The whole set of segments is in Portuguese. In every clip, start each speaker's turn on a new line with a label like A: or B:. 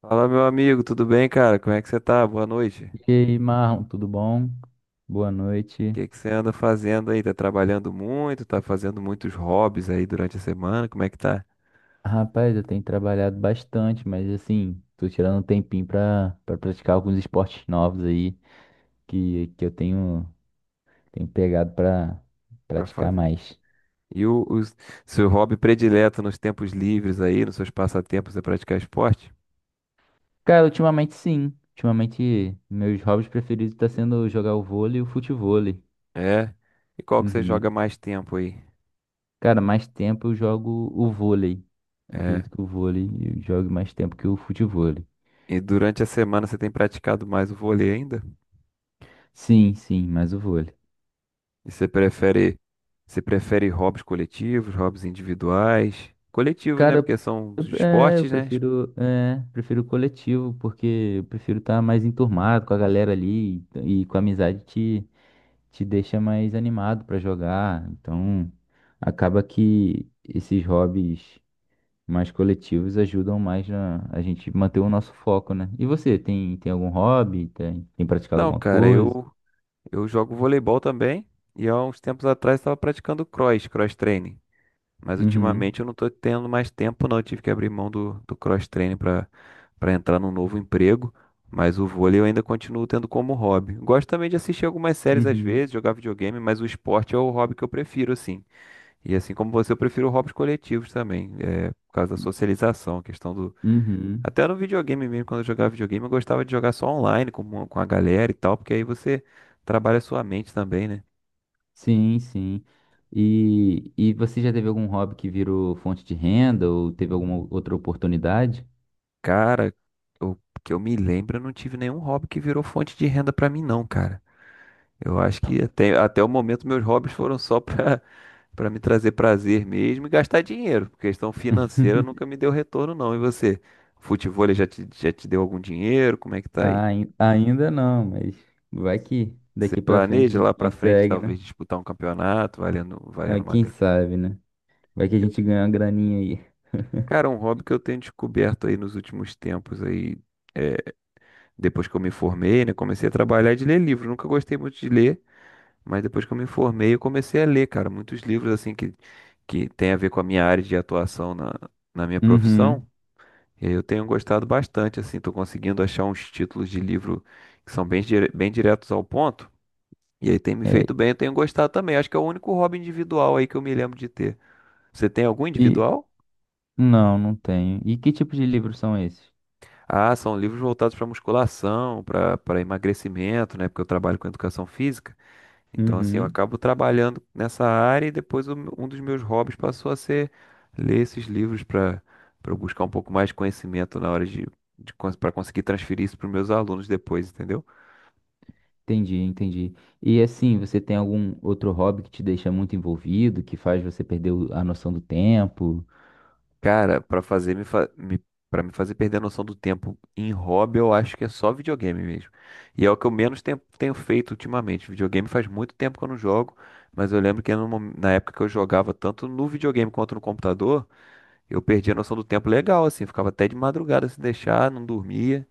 A: Fala, meu amigo, tudo bem, cara? Como é que você tá? Boa noite. O
B: E aí, Marlon, tudo bom? Boa noite.
A: que que você anda fazendo aí? Tá trabalhando muito? Tá fazendo muitos hobbies aí durante a semana? Como é que tá?
B: Rapaz, eu tenho trabalhado bastante, mas assim, tô tirando um tempinho pra praticar alguns esportes novos aí que eu tenho pegado pra
A: Pra
B: praticar
A: fazer.
B: mais.
A: E o seu hobby predileto nos tempos livres aí, nos seus passatempos é praticar esporte?
B: Cara, ultimamente sim. Ultimamente, meus hobbies preferidos tá sendo jogar o vôlei e o futevôlei.
A: É. E qual que você joga
B: Uhum.
A: mais tempo aí?
B: Cara, mais tempo eu jogo o vôlei. Eu
A: É.
B: acredito que o vôlei eu jogue mais tempo que o futevôlei.
A: E durante a semana você tem praticado mais o vôlei ainda?
B: Sim, sim, mais o vôlei.
A: E você prefere hobbies coletivos, hobbies individuais? Coletivos, né?
B: Cara,
A: Porque são os
B: eu
A: esportes, né?
B: prefiro, prefiro coletivo, porque eu prefiro estar mais enturmado com a galera ali e com a amizade te deixa mais animado pra jogar. Então, acaba que esses hobbies mais coletivos ajudam mais na, a gente manter o nosso foco, né? E você, tem algum hobby? Tem praticado
A: Então,
B: alguma
A: cara,
B: coisa?
A: eu jogo voleibol também e há uns tempos atrás estava praticando cross training. Mas
B: Uhum,
A: ultimamente eu não tô tendo mais tempo, não. Eu tive que abrir mão do cross training para entrar num novo emprego. Mas o vôlei eu ainda continuo tendo como hobby. Gosto também de assistir algumas séries às
B: uhum,
A: vezes, jogar videogame, mas o esporte é o hobby que eu prefiro, assim. E assim como você, eu prefiro hobbies coletivos também, é, por causa da socialização, a questão do.
B: uhum.
A: Até no videogame mesmo, quando eu jogava videogame, eu gostava de jogar só online com a galera e tal, porque aí você trabalha a sua mente também, né?
B: Sim, sim. E você já teve algum hobby que virou fonte de renda ou teve alguma outra oportunidade?
A: Cara, eu, que eu me lembro, eu não tive nenhum hobby que virou fonte de renda pra mim, não, cara. Eu acho que até, até o momento meus hobbies foram só pra, pra me trazer prazer mesmo e gastar dinheiro. Questão financeira nunca me deu retorno, não. E você? Futevôlei já te deu algum dinheiro? Como é que tá aí?
B: Ainda não, mas vai que
A: Você
B: daqui pra frente a
A: planeja
B: gente
A: lá pra frente,
B: consegue, né?
A: talvez, disputar um campeonato, valendo,
B: Ah,
A: valendo uma
B: quem
A: grana.
B: sabe, né? Vai que a
A: Eu-
B: gente ganha uma graninha aí.
A: Cara, um hobby que eu tenho descoberto aí nos últimos tempos aí, é, depois que eu me formei, né? Comecei a trabalhar de ler livros. Nunca gostei muito de ler, mas depois que eu me formei, eu comecei a ler, cara, muitos livros assim que tem a ver com a minha área de atuação na minha
B: Uhum.
A: profissão. E aí eu tenho gostado bastante, assim, tô conseguindo achar uns títulos de livro que são bem diretos ao ponto. E aí tem me
B: É,
A: feito bem, eu tenho gostado também. Acho que é o único hobby individual aí que eu me lembro de ter. Você tem algum
B: e
A: individual?
B: não, não tenho. E que tipo de livros são esses?
A: Ah, são livros voltados para musculação, para emagrecimento, né? Porque eu trabalho com educação física. Então, assim, eu
B: Uhum.
A: acabo trabalhando nessa área e depois um dos meus hobbies passou a ser ler esses livros para buscar um pouco mais de conhecimento na hora de para conseguir transferir isso para os meus alunos depois, entendeu?
B: Entendi, entendi. E assim, você tem algum outro hobby que te deixa muito envolvido, que faz você perder a noção do tempo?
A: Cara, pra fazer me, fa me para me fazer perder a noção do tempo em hobby, eu acho que é só videogame mesmo. E é o que eu menos tempo tenho feito ultimamente. Videogame faz muito tempo que eu não jogo, mas eu lembro que no mom- na época que eu jogava tanto no videogame quanto no computador, eu perdi a noção do tempo legal, assim, ficava até de madrugada se deixar, não dormia.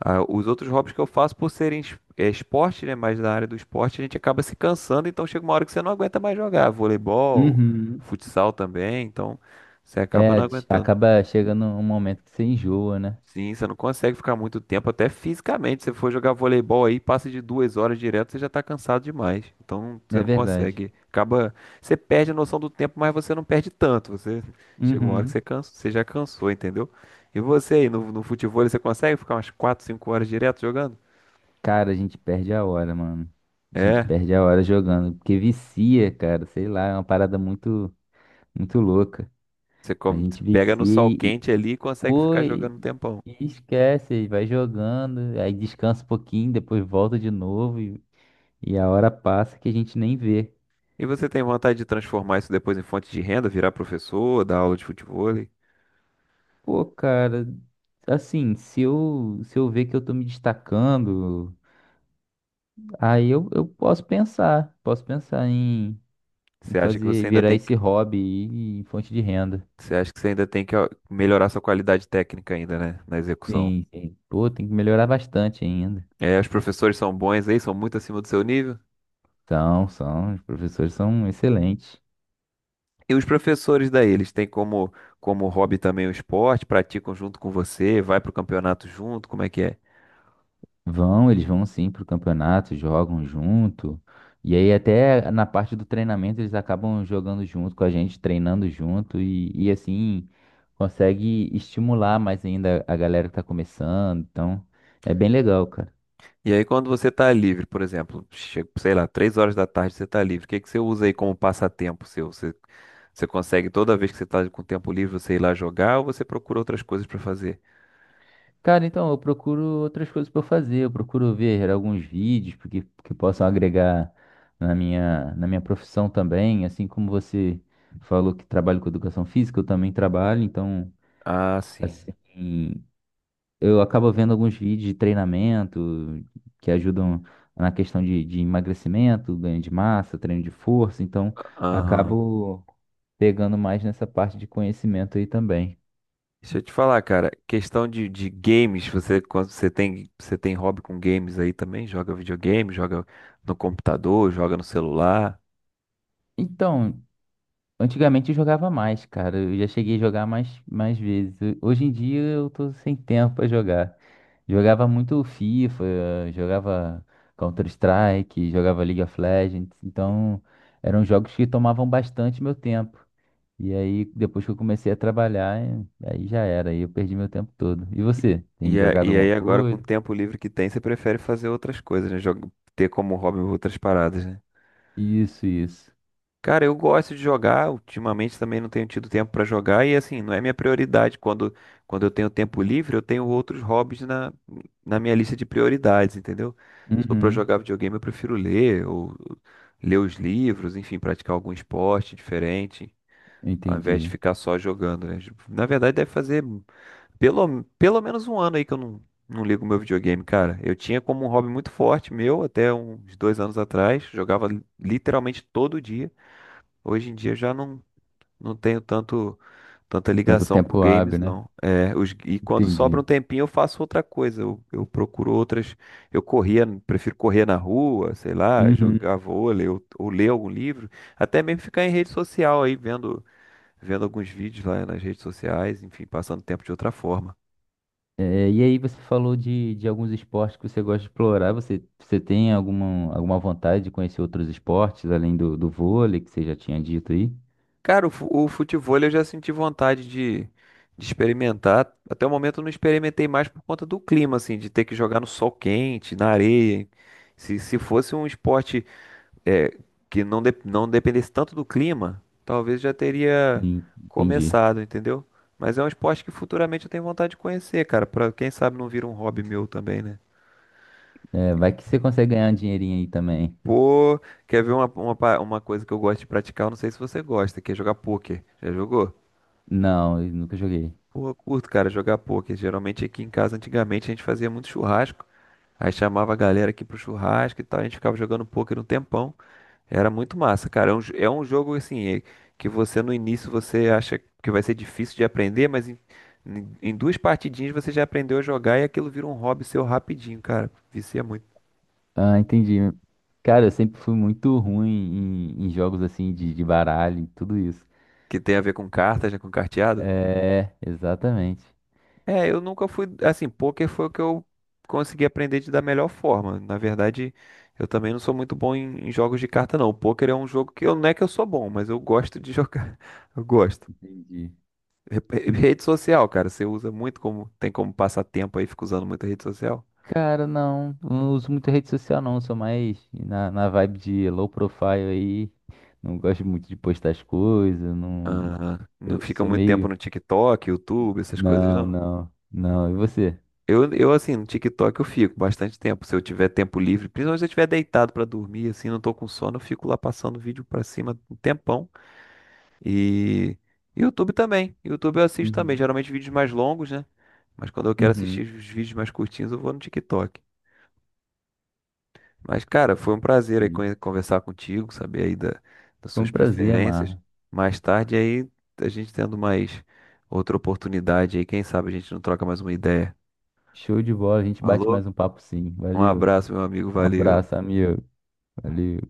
A: Ah, os outros hobbies que eu faço, por serem esporte, né, mais da área do esporte, a gente acaba se cansando, então chega uma hora que você não aguenta mais jogar. Voleibol,
B: Uhum.
A: futsal também, então você acaba
B: É,
A: não aguentando.
B: acaba chegando um momento que você enjoa, né?
A: Sim, você não consegue ficar muito tempo, até fisicamente. Se você for jogar voleibol aí, passa de 2 horas direto, você já tá cansado demais. Então você
B: É
A: não
B: verdade.
A: consegue. Acaba. Você perde a noção do tempo, mas você não perde tanto. Você chega uma hora que
B: Uhum.
A: você cansa, você já cansou, entendeu? E você aí, no futebol, você consegue ficar umas 4 5 horas direto jogando?
B: Cara, a gente perde a hora, mano. A gente
A: É.
B: perde a hora jogando, porque vicia, cara, sei lá, é uma parada muito louca.
A: Você
B: A
A: come-
B: gente
A: Pega
B: vicia
A: no sol
B: e, e-
A: quente ali e consegue
B: pô,
A: ficar
B: e-
A: jogando um tempão.
B: e- esquece, e vai jogando, aí descansa um pouquinho, depois volta de novo e a hora passa que a gente nem vê.
A: E você tem vontade de transformar isso depois em fonte de renda, virar professor, dar aula de futebol?
B: Pô, cara, assim, se eu ver que eu tô me destacando. Eu posso posso pensar em,
A: Você acha que você ainda
B: virar
A: tem que
B: esse hobby aí em fonte de renda.
A: Você acha que você ainda tem que ó, melhorar sua qualidade técnica ainda, né? Na execução.
B: Sim, sim. Pô, tem que melhorar bastante ainda.
A: É, os professores são bons aí, são muito acima do seu nível.
B: São, são, os professores são excelentes.
A: E os professores daí, eles têm como hobby também o esporte, praticam junto com você, vai pro campeonato junto, como é que é?
B: Vão, eles vão sim pro campeonato, jogam junto. E aí até na parte do treinamento eles acabam jogando junto com a gente, treinando junto e assim consegue estimular mais ainda a galera que tá começando. Então, é bem legal, cara.
A: E aí quando você tá livre, por exemplo, chega, sei lá, 3 horas da tarde você tá livre, o que que você usa aí como passatempo seu? Você consegue toda vez que você tá com tempo livre você ir lá jogar ou você procura outras coisas pra fazer?
B: Cara, então, eu procuro outras coisas para fazer. Eu procuro ver alguns vídeos que possam agregar na na minha profissão também. Assim como você falou que trabalha com educação física, eu também trabalho. Então,
A: Ah, sim.
B: assim, eu acabo vendo alguns vídeos de treinamento que ajudam na questão de emagrecimento, ganho de massa, treino de força. Então,
A: Aham.
B: acabo pegando mais nessa parte de conhecimento aí também.
A: Deixa eu te falar, cara, questão de games, você tem hobby com games aí também? Joga videogame, joga no computador, joga no celular.
B: Então, antigamente eu jogava mais, cara. Eu já cheguei a jogar mais vezes. Hoje em dia eu tô sem tempo pra jogar. Jogava muito FIFA, jogava Counter-Strike, jogava League of Legends. Então eram jogos que tomavam bastante meu tempo. E aí, depois que eu comecei a trabalhar, aí já era. Aí eu perdi meu tempo todo. E você?
A: E,
B: Tem
A: e a-
B: jogado
A: e
B: alguma
A: aí agora com o
B: coisa?
A: tempo livre que tem, você prefere fazer outras coisas, né? Ter como hobby outras paradas, né?
B: Isso, isso.
A: Cara, eu gosto de jogar, ultimamente também não tenho tido tempo pra jogar e assim, não é minha prioridade. Quando eu tenho tempo livre, eu tenho outros hobbies na minha lista de prioridades, entendeu? Se for pra
B: Uhum.
A: jogar videogame, eu prefiro ler ou ler os livros, enfim, praticar algum esporte diferente, ao invés de
B: Entendi.
A: ficar só jogando, né? Na verdade, deve fazer pelo menos um ano aí que eu não ligo meu videogame, cara. Eu tinha como um hobby muito forte meu até uns 2 anos atrás, jogava literalmente todo dia. Hoje em dia eu já não tenho tanto tanta
B: Tanto
A: ligação com
B: tempo hábil,
A: games,
B: né?
A: não. É, os, e quando sobra
B: Entendi.
A: um tempinho eu faço outra coisa. Eu procuro outras. Eu corria, prefiro correr na rua, sei lá,
B: Uhum.
A: jogar vôlei ou ler algum livro. Até mesmo ficar em rede social aí, vendo alguns vídeos lá nas redes sociais, enfim, passando tempo de outra forma.
B: É, e aí você falou de alguns esportes que você gosta de explorar. Você tem alguma vontade de conhecer outros esportes, além do vôlei, que você já tinha dito aí?
A: Cara, o futevôlei eu já senti vontade de experimentar. Até o momento eu não experimentei mais por conta do clima, assim, de ter que jogar no sol quente, na areia. Se fosse um esporte é, que não dependesse tanto do clima, talvez já teria
B: Sim, entendi.
A: começado, entendeu? Mas é um esporte que futuramente eu tenho vontade de conhecer, cara, pra quem sabe não vira um hobby meu também, né?
B: É, vai que você consegue ganhar um dinheirinho aí também.
A: Pô, quer ver uma coisa que eu gosto de praticar? Eu não sei se você gosta, que é jogar pôquer. Já jogou?
B: Não, eu nunca joguei.
A: Pô, eu curto, cara, jogar poker. Geralmente aqui em casa, antigamente, a gente fazia muito churrasco. Aí chamava a galera aqui pro churrasco e tal. A gente ficava jogando poker um tempão. Era muito massa, cara. É um, é um jogo assim, que você no início você acha que vai ser difícil de aprender, mas em duas partidinhas você já aprendeu a jogar e aquilo vira um hobby seu rapidinho, cara. Vicia muito.
B: Ah, entendi. Cara, eu sempre fui muito ruim em jogos assim de baralho e tudo isso.
A: Que tem a ver com cartas, né? Com carteado.
B: É, exatamente.
A: É, eu nunca fui, assim, poker foi o que eu consegui aprender de da melhor forma. Na verdade, eu também não sou muito bom em jogos de carta, não. O poker é um jogo que eu, não é que eu sou bom, mas eu gosto de jogar. Eu gosto.
B: Entendi.
A: Rede social, cara, você usa muito como, tem como passar tempo aí, fica usando muita rede social.
B: Cara, não uso muita rede social não, sou mais na, na vibe de low profile aí, não gosto muito de postar as coisas, não,
A: Aham. Não
B: eu
A: fica
B: sou
A: muito tempo
B: meio...
A: no TikTok, YouTube, essas coisas, não.
B: Não, e você?
A: Assim, no TikTok eu fico bastante tempo. Se eu tiver tempo livre, principalmente se eu estiver deitado pra dormir, assim, não tô com sono, eu fico lá passando vídeo pra cima um tempão. E YouTube também. YouTube eu assisto também.
B: Uhum,
A: Geralmente vídeos mais longos, né? Mas quando eu quero assistir
B: uhum.
A: os vídeos mais curtinhos, eu vou no TikTok. Mas, cara, foi um prazer aí conversar contigo, saber aí das
B: Foi um
A: suas
B: prazer,
A: preferências.
B: Mar,
A: Mais tarde aí, a gente tendo mais outra oportunidade aí, quem sabe a gente não troca mais uma ideia.
B: show de bola, a gente bate
A: Falou?
B: mais um papo sim,
A: Um
B: valeu,
A: abraço, meu amigo.
B: um
A: Valeu.
B: abraço, amigo, valeu.